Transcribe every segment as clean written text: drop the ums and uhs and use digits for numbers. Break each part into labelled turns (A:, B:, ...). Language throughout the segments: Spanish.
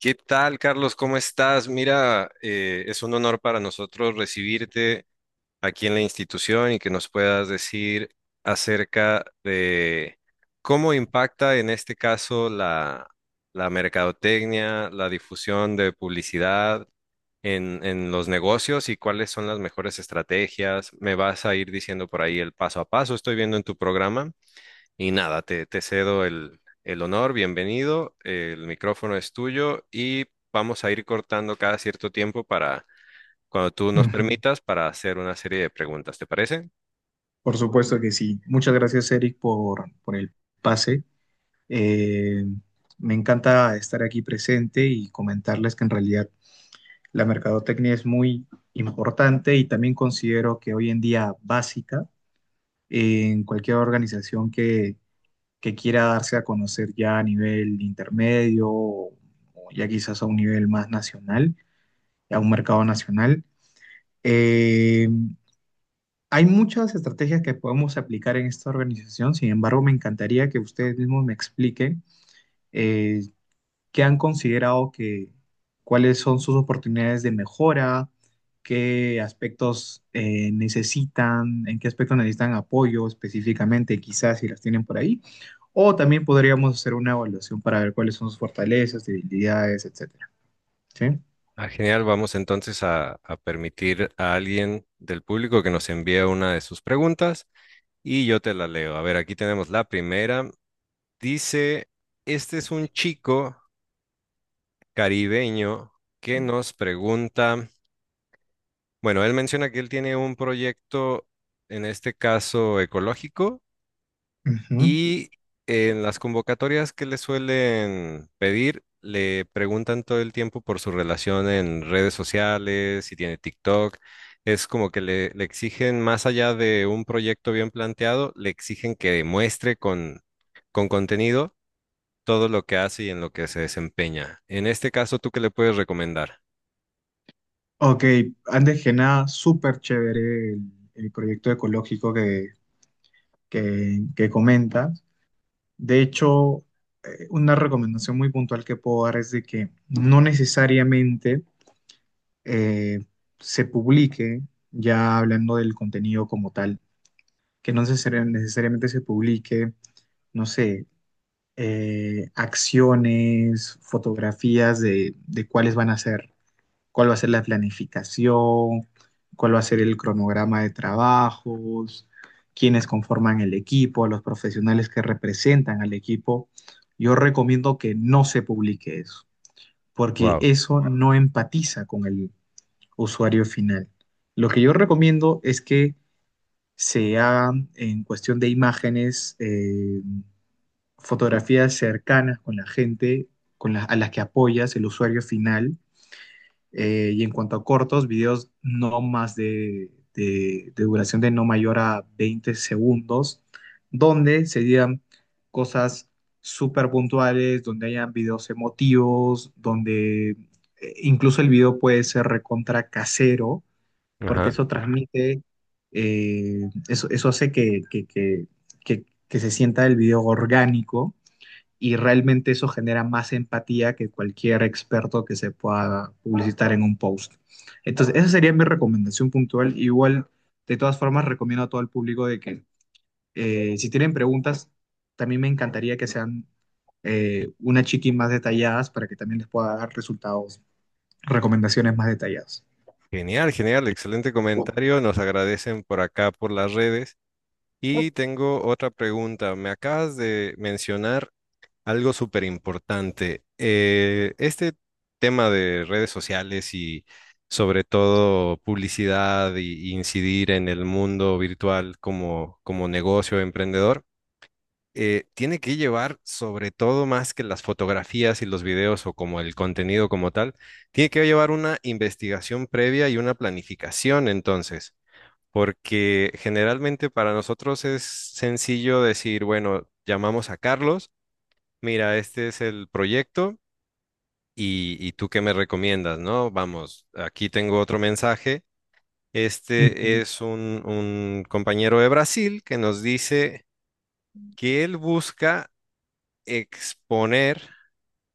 A: ¿Qué tal, Carlos? ¿Cómo estás? Mira, es un honor para nosotros recibirte aquí en la institución y que nos puedas decir acerca de cómo impacta en este caso la mercadotecnia, la difusión de publicidad en los negocios y cuáles son las mejores estrategias. Me vas a ir diciendo por ahí el paso a paso, estoy viendo en tu programa. Y nada, te cedo el honor, bienvenido, el micrófono es tuyo y vamos a ir cortando cada cierto tiempo para, cuando tú nos
B: Ujú.
A: permitas, para hacer una serie de preguntas, ¿te parece?
B: Por supuesto que sí. Muchas gracias, Eric, por el pase. Eh, Me encanta estar aquí presente y comentarles que en realidad la mercadotecnia es muy importante y también considero que hoy en día básica en cualquier organización que quiera darse a conocer ya a nivel intermedio o ya quizás a un nivel más nacional, a un mercado nacional. Eh, Hay muchas estrategias que podemos aplicar en esta organización. Sin embargo, me encantaría que ustedes mismos me expliquen eh, qué han considerado cuáles son sus oportunidades de mejora, qué aspectos necesitan, en qué aspectos necesitan apoyo específicamente, quizás si las tienen por ahí, o también podríamos hacer una evaluación para ver cuáles son sus fortalezas, debilidades, etcétera. ¿Sí?
A: Ah, genial, vamos entonces a permitir a alguien del público que nos envíe una de sus preguntas y yo te la leo. A ver, aquí tenemos la primera. Dice, este es un chico caribeño que nos pregunta... Bueno, él menciona que él tiene un proyecto, en este caso ecológico,
B: Ujú.
A: y en las convocatorias que le suelen pedir, le preguntan todo el tiempo por su relación en redes sociales, si tiene TikTok. Es como que le exigen, más allá de un proyecto bien planteado, le exigen que demuestre con contenido todo lo que hace y en lo que se desempeña. En este caso, ¿tú qué le puedes recomendar?
B: Ok, antes que nada, súper chévere el proyecto ecológico que comentas. De hecho, una recomendación muy puntual que puedo dar es de que no necesariamente eh, se publique, ya hablando del contenido como tal, que no necesari- necesariamente se publique, no sé, acciones, fotografías de cuáles van a ser cuál va a ser la planificación, cuál va a ser el cronograma de trabajos, quiénes conforman el equipo, los profesionales que representan al equipo. Yo recomiendo que no se publique eso, porque
A: Wow.
B: eso no empatiza con el usuario final. Lo que yo recomiendo es que se hagan en cuestión de imágenes, fotografías cercanas con la gente, con a las que apoyas, el usuario final, y en cuanto a cortos, videos no más de duración de no mayor a 20 segundos, donde se digan cosas súper puntuales, donde hayan videos emotivos, donde incluso el video puede ser recontra casero, porque
A: Ajá.
B: eso transmite, eso hace que se sienta el video orgánico y realmente eso genera más empatía que cualquier experto que se pueda publicitar en un post. Entonces, esa sería mi recomendación puntual. Igual, de todas formas, recomiendo a todo el público de que si tienen preguntas, también me encantaría que sean una chiqui más detalladas para que también les pueda dar resultados, recomendaciones más detalladas.
A: Genial, genial, excelente comentario. Nos agradecen por acá por las redes. Y tengo otra pregunta. Me acabas de mencionar algo súper importante. Este tema de redes sociales y sobre todo publicidad y incidir en el mundo virtual como, como negocio emprendedor tiene que llevar, sobre todo más que las fotografías y los videos o como el contenido como tal, tiene que llevar una investigación previa y una planificación entonces, porque generalmente para nosotros es sencillo decir, bueno, llamamos a Carlos, mira, este es el proyecto y tú qué me recomiendas, ¿no? Vamos, aquí tengo otro mensaje. Este
B: Ujú,
A: es un compañero de Brasil que nos dice que él busca exponer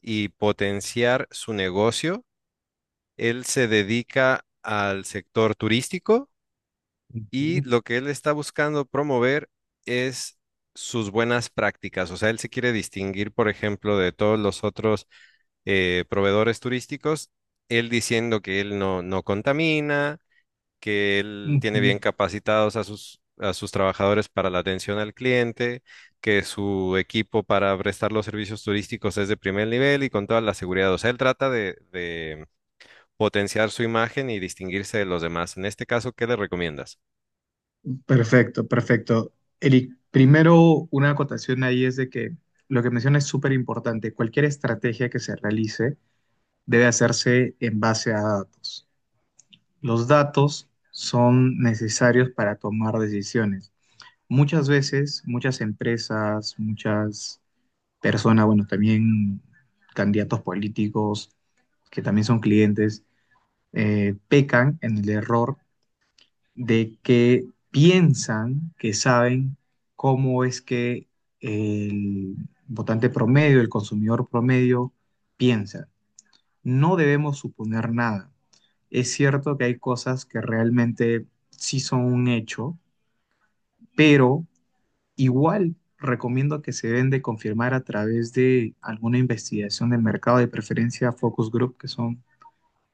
A: y potenciar su negocio. Él se dedica al sector turístico y
B: ujú,
A: lo que él está buscando promover es sus buenas prácticas. O sea, él se quiere distinguir, por ejemplo, de todos los otros proveedores turísticos, él diciendo que él no, no contamina, que él tiene
B: ujú.
A: bien capacitados a a sus trabajadores para la atención al cliente, que su equipo para prestar los servicios turísticos es de primer nivel y con toda la seguridad. O sea, él trata de potenciar su imagen y distinguirse de los demás. En este caso, ¿qué le recomiendas?
B: Perfecto, perfecto. Eric, primero una acotación ahí es de que lo que menciona es súper importante. Cualquier estrategia que se realice debe hacerse en base a datos. Los datos son necesarios para tomar decisiones. Muchas veces, muchas empresas, muchas personas, bueno, también candidatos políticos que también son clientes, pecan en el error de que piensan que saben cómo es que el votante promedio, el consumidor promedio, piensa. No debemos suponer nada. Es cierto que hay cosas que realmente sí son un hecho, pero igual recomiendo que se deben de confirmar a través de alguna investigación de mercado de preferencia focus group, que son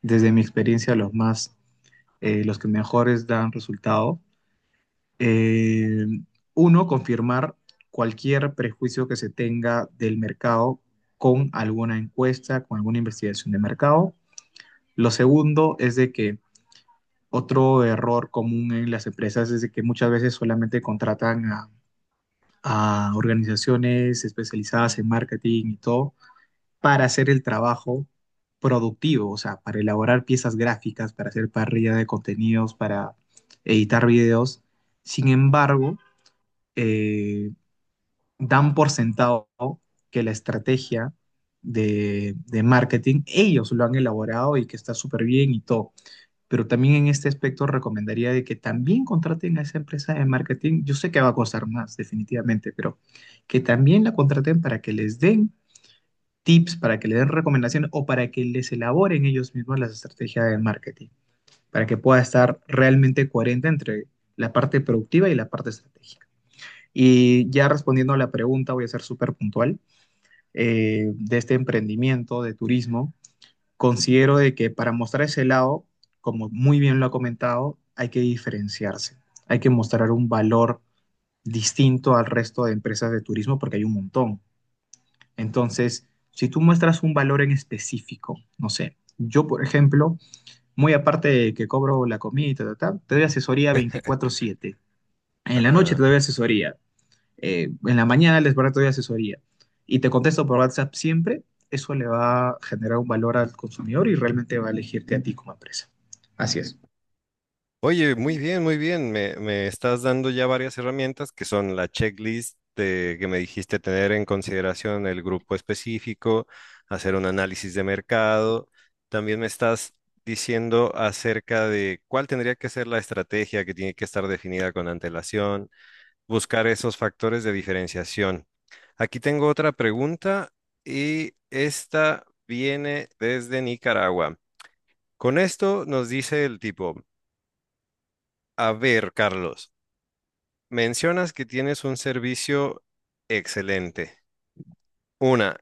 B: desde mi experiencia los más, los que mejores dan resultado. Eh, Uno, confirmar cualquier prejuicio que se tenga del mercado con alguna encuesta, con alguna investigación de mercado. Lo segundo es de que otro error común en las empresas es de que muchas veces solamente a organizaciones especializadas en marketing y todo para hacer el trabajo productivo, o sea, para elaborar piezas gráficas, para hacer parrilla de contenidos, para editar videos. Sin embargo, eh, dan por sentado que la estrategia de marketing ellos lo han elaborado y que está súper bien y todo. Pero también en este aspecto recomendaría de que también contraten a esa empresa de marketing. Yo sé que va a costar más, definitivamente, pero que también la contraten para que les den tips, para que les den recomendaciones o para que les elaboren ellos mismos las estrategias de marketing, para que pueda estar realmente coherente entre la parte productiva y la parte estratégica. Y ya respondiendo a la pregunta, voy a ser súper puntual de este emprendimiento de turismo, considero de que para mostrar ese lado, como muy bien lo ha comentado, hay que diferenciarse, hay que mostrar un valor distinto al resto de empresas de turismo porque hay un montón. Entonces, si tú muestras un valor en específico, no sé, yo por ejemplo, muy aparte de que cobro la comida, y ta, ta, ta, te doy asesoría 24/7. En la noche te
A: Ah.
B: doy asesoría en la mañana les barato de asesoría y te contesto por WhatsApp siempre, eso le va a generar un valor al consumidor y realmente va a elegirte a ti como empresa. Así es.
A: Oye, muy bien, muy bien. Me estás dando ya varias herramientas que son la checklist de- que me dijiste tener en consideración el grupo específico, hacer un análisis de mercado. También me estás diciendo acerca de cuál tendría que ser la estrategia que tiene que estar definida con antelación, buscar esos factores de diferenciación. Aquí tengo otra pregunta y esta viene desde Nicaragua. Con esto nos dice el tipo, a ver, Carlos. Mencionas que tienes un servicio excelente. Una,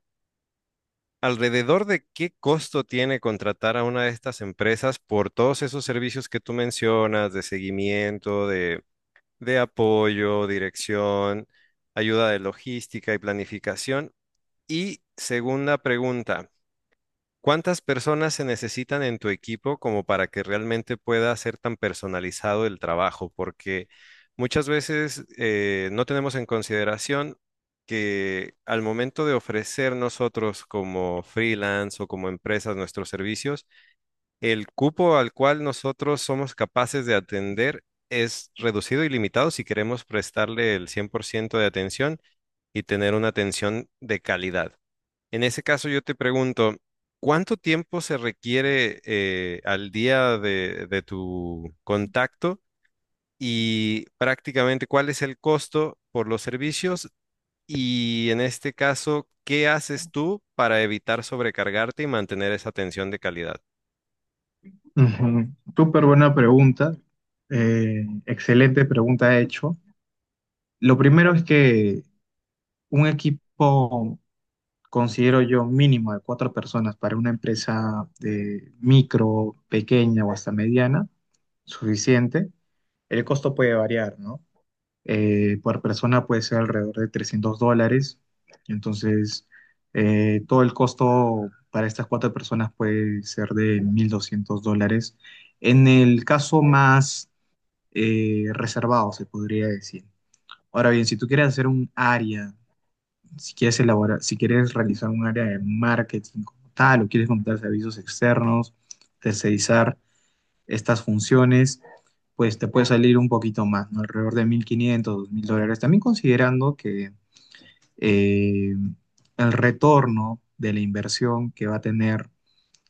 A: ¿alrededor de qué costo tiene contratar a una de estas empresas por todos esos servicios que tú mencionas de seguimiento, de apoyo, dirección, ayuda de logística y planificación? Y segunda pregunta. ¿Cuántas personas se necesitan en tu equipo como para que realmente pueda ser tan personalizado el trabajo? Porque muchas veces no tenemos en consideración que al momento de ofrecer nosotros como freelance o como empresas nuestros servicios, el cupo al cual nosotros somos capaces de atender es reducido y limitado si queremos prestarle el 100% de atención y tener una atención de calidad. En ese caso yo te pregunto, ¿cuánto tiempo se requiere al día de tu contacto y prácticamente cuál es el costo por los servicios? Y en este caso, ¿qué haces tú para evitar sobrecargarte y mantener esa atención de calidad?
B: Ujú. Súper buena pregunta. Excelente pregunta hecho. Lo primero es que un equipo, considero yo, mínimo de 4 personas para una empresa de micro, pequeña o hasta mediana, suficiente. El costo puede variar, ¿no? Por persona puede ser alrededor de $300. Entonces, todo el costo para estas 4 personas puede ser de $1,200. En el caso más reservado, se podría decir. Ahora bien, si tú quieres hacer un área, si quieres elaborar, si quieres realizar un área de marketing como tal, o quieres montar servicios externos, tercerizar estas funciones, pues te puede salir un poquito más, ¿no? Alrededor de $1,500 $2,000. También considerando que eh, el retorno de la inversión que va a tener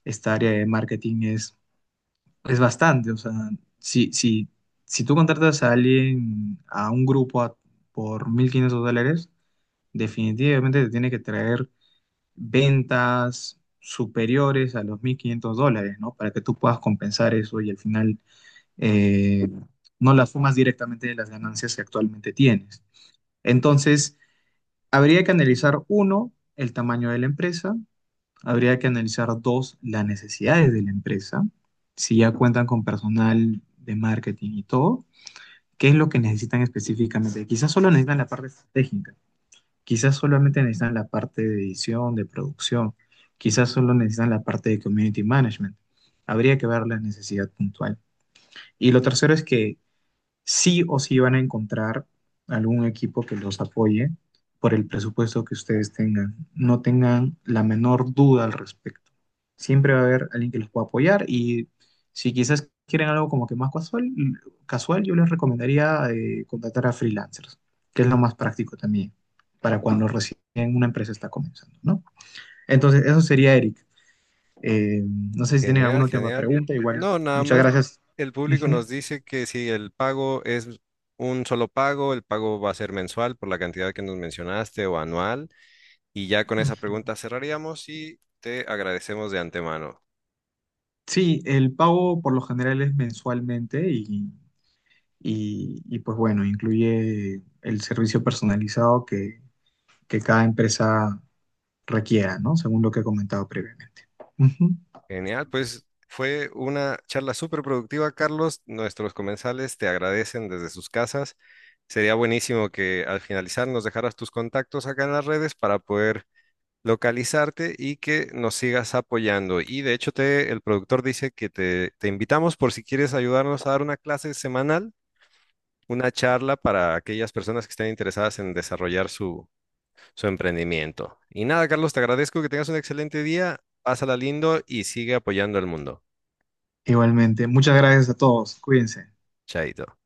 B: esta área de marketing es bastante. O sea, si, si, si tú contratas a alguien, a un por $1,500, definitivamente te tiene que traer ventas superiores a los $1,500, ¿no? Para que tú puedas compensar eso y al final eh, no las fumas directamente de las ganancias que actualmente tienes. Entonces, habría que analizar, uno, el tamaño de la empresa, habría que analizar, dos, las necesidades de la empresa, si ya cuentan con personal de marketing y todo, qué es lo que necesitan específicamente. Quizás solo necesitan la parte estratégica, quizás solamente necesitan la parte de edición, de producción, quizás solo necesitan la parte de community management. Habría que ver la necesidad puntual. Y lo tercero es que sí o sí van a encontrar algún equipo que los apoye por el presupuesto que ustedes tengan. No tengan la menor duda al respecto. Siempre va a haber alguien que los pueda apoyar y si quizás quieren algo como que más casual, casual yo les recomendaría contratar a freelancers, que es lo más práctico también para cuando recién una empresa está comenzando, ¿no? Entonces, eso sería Eric. No sé si tienen alguna
A: Genial,
B: última
A: genial.
B: pregunta, igual.
A: No, nada
B: Muchas
A: más
B: gracias.
A: el público
B: Ujú.
A: nos dice que si el pago es un solo pago, el pago va a ser mensual por la cantidad que nos mencionaste o anual. Y ya con esa
B: Ujú.
A: pregunta cerraríamos y te agradecemos de antemano.
B: Sí, el pago por lo general es mensualmente y pues bueno, incluye el servicio personalizado que cada empresa requiera, ¿no? Según lo que he comentado previamente. Ujú.
A: Genial, pues fue una charla súper productiva, Carlos. Nuestros comensales te agradecen desde sus casas. Sería buenísimo que al finalizar nos dejaras tus contactos acá en las redes para poder localizarte y que nos sigas apoyando. Y de hecho, te, el productor dice que te invitamos por si quieres ayudarnos a dar una clase semanal, una charla para aquellas personas que estén interesadas en desarrollar su emprendimiento. Y nada, Carlos, te agradezco que tengas un excelente día, pásala lindo y sigue apoyando al mundo.
B: Igualmente, muchas gracias a todos, cuídense.
A: Chaito.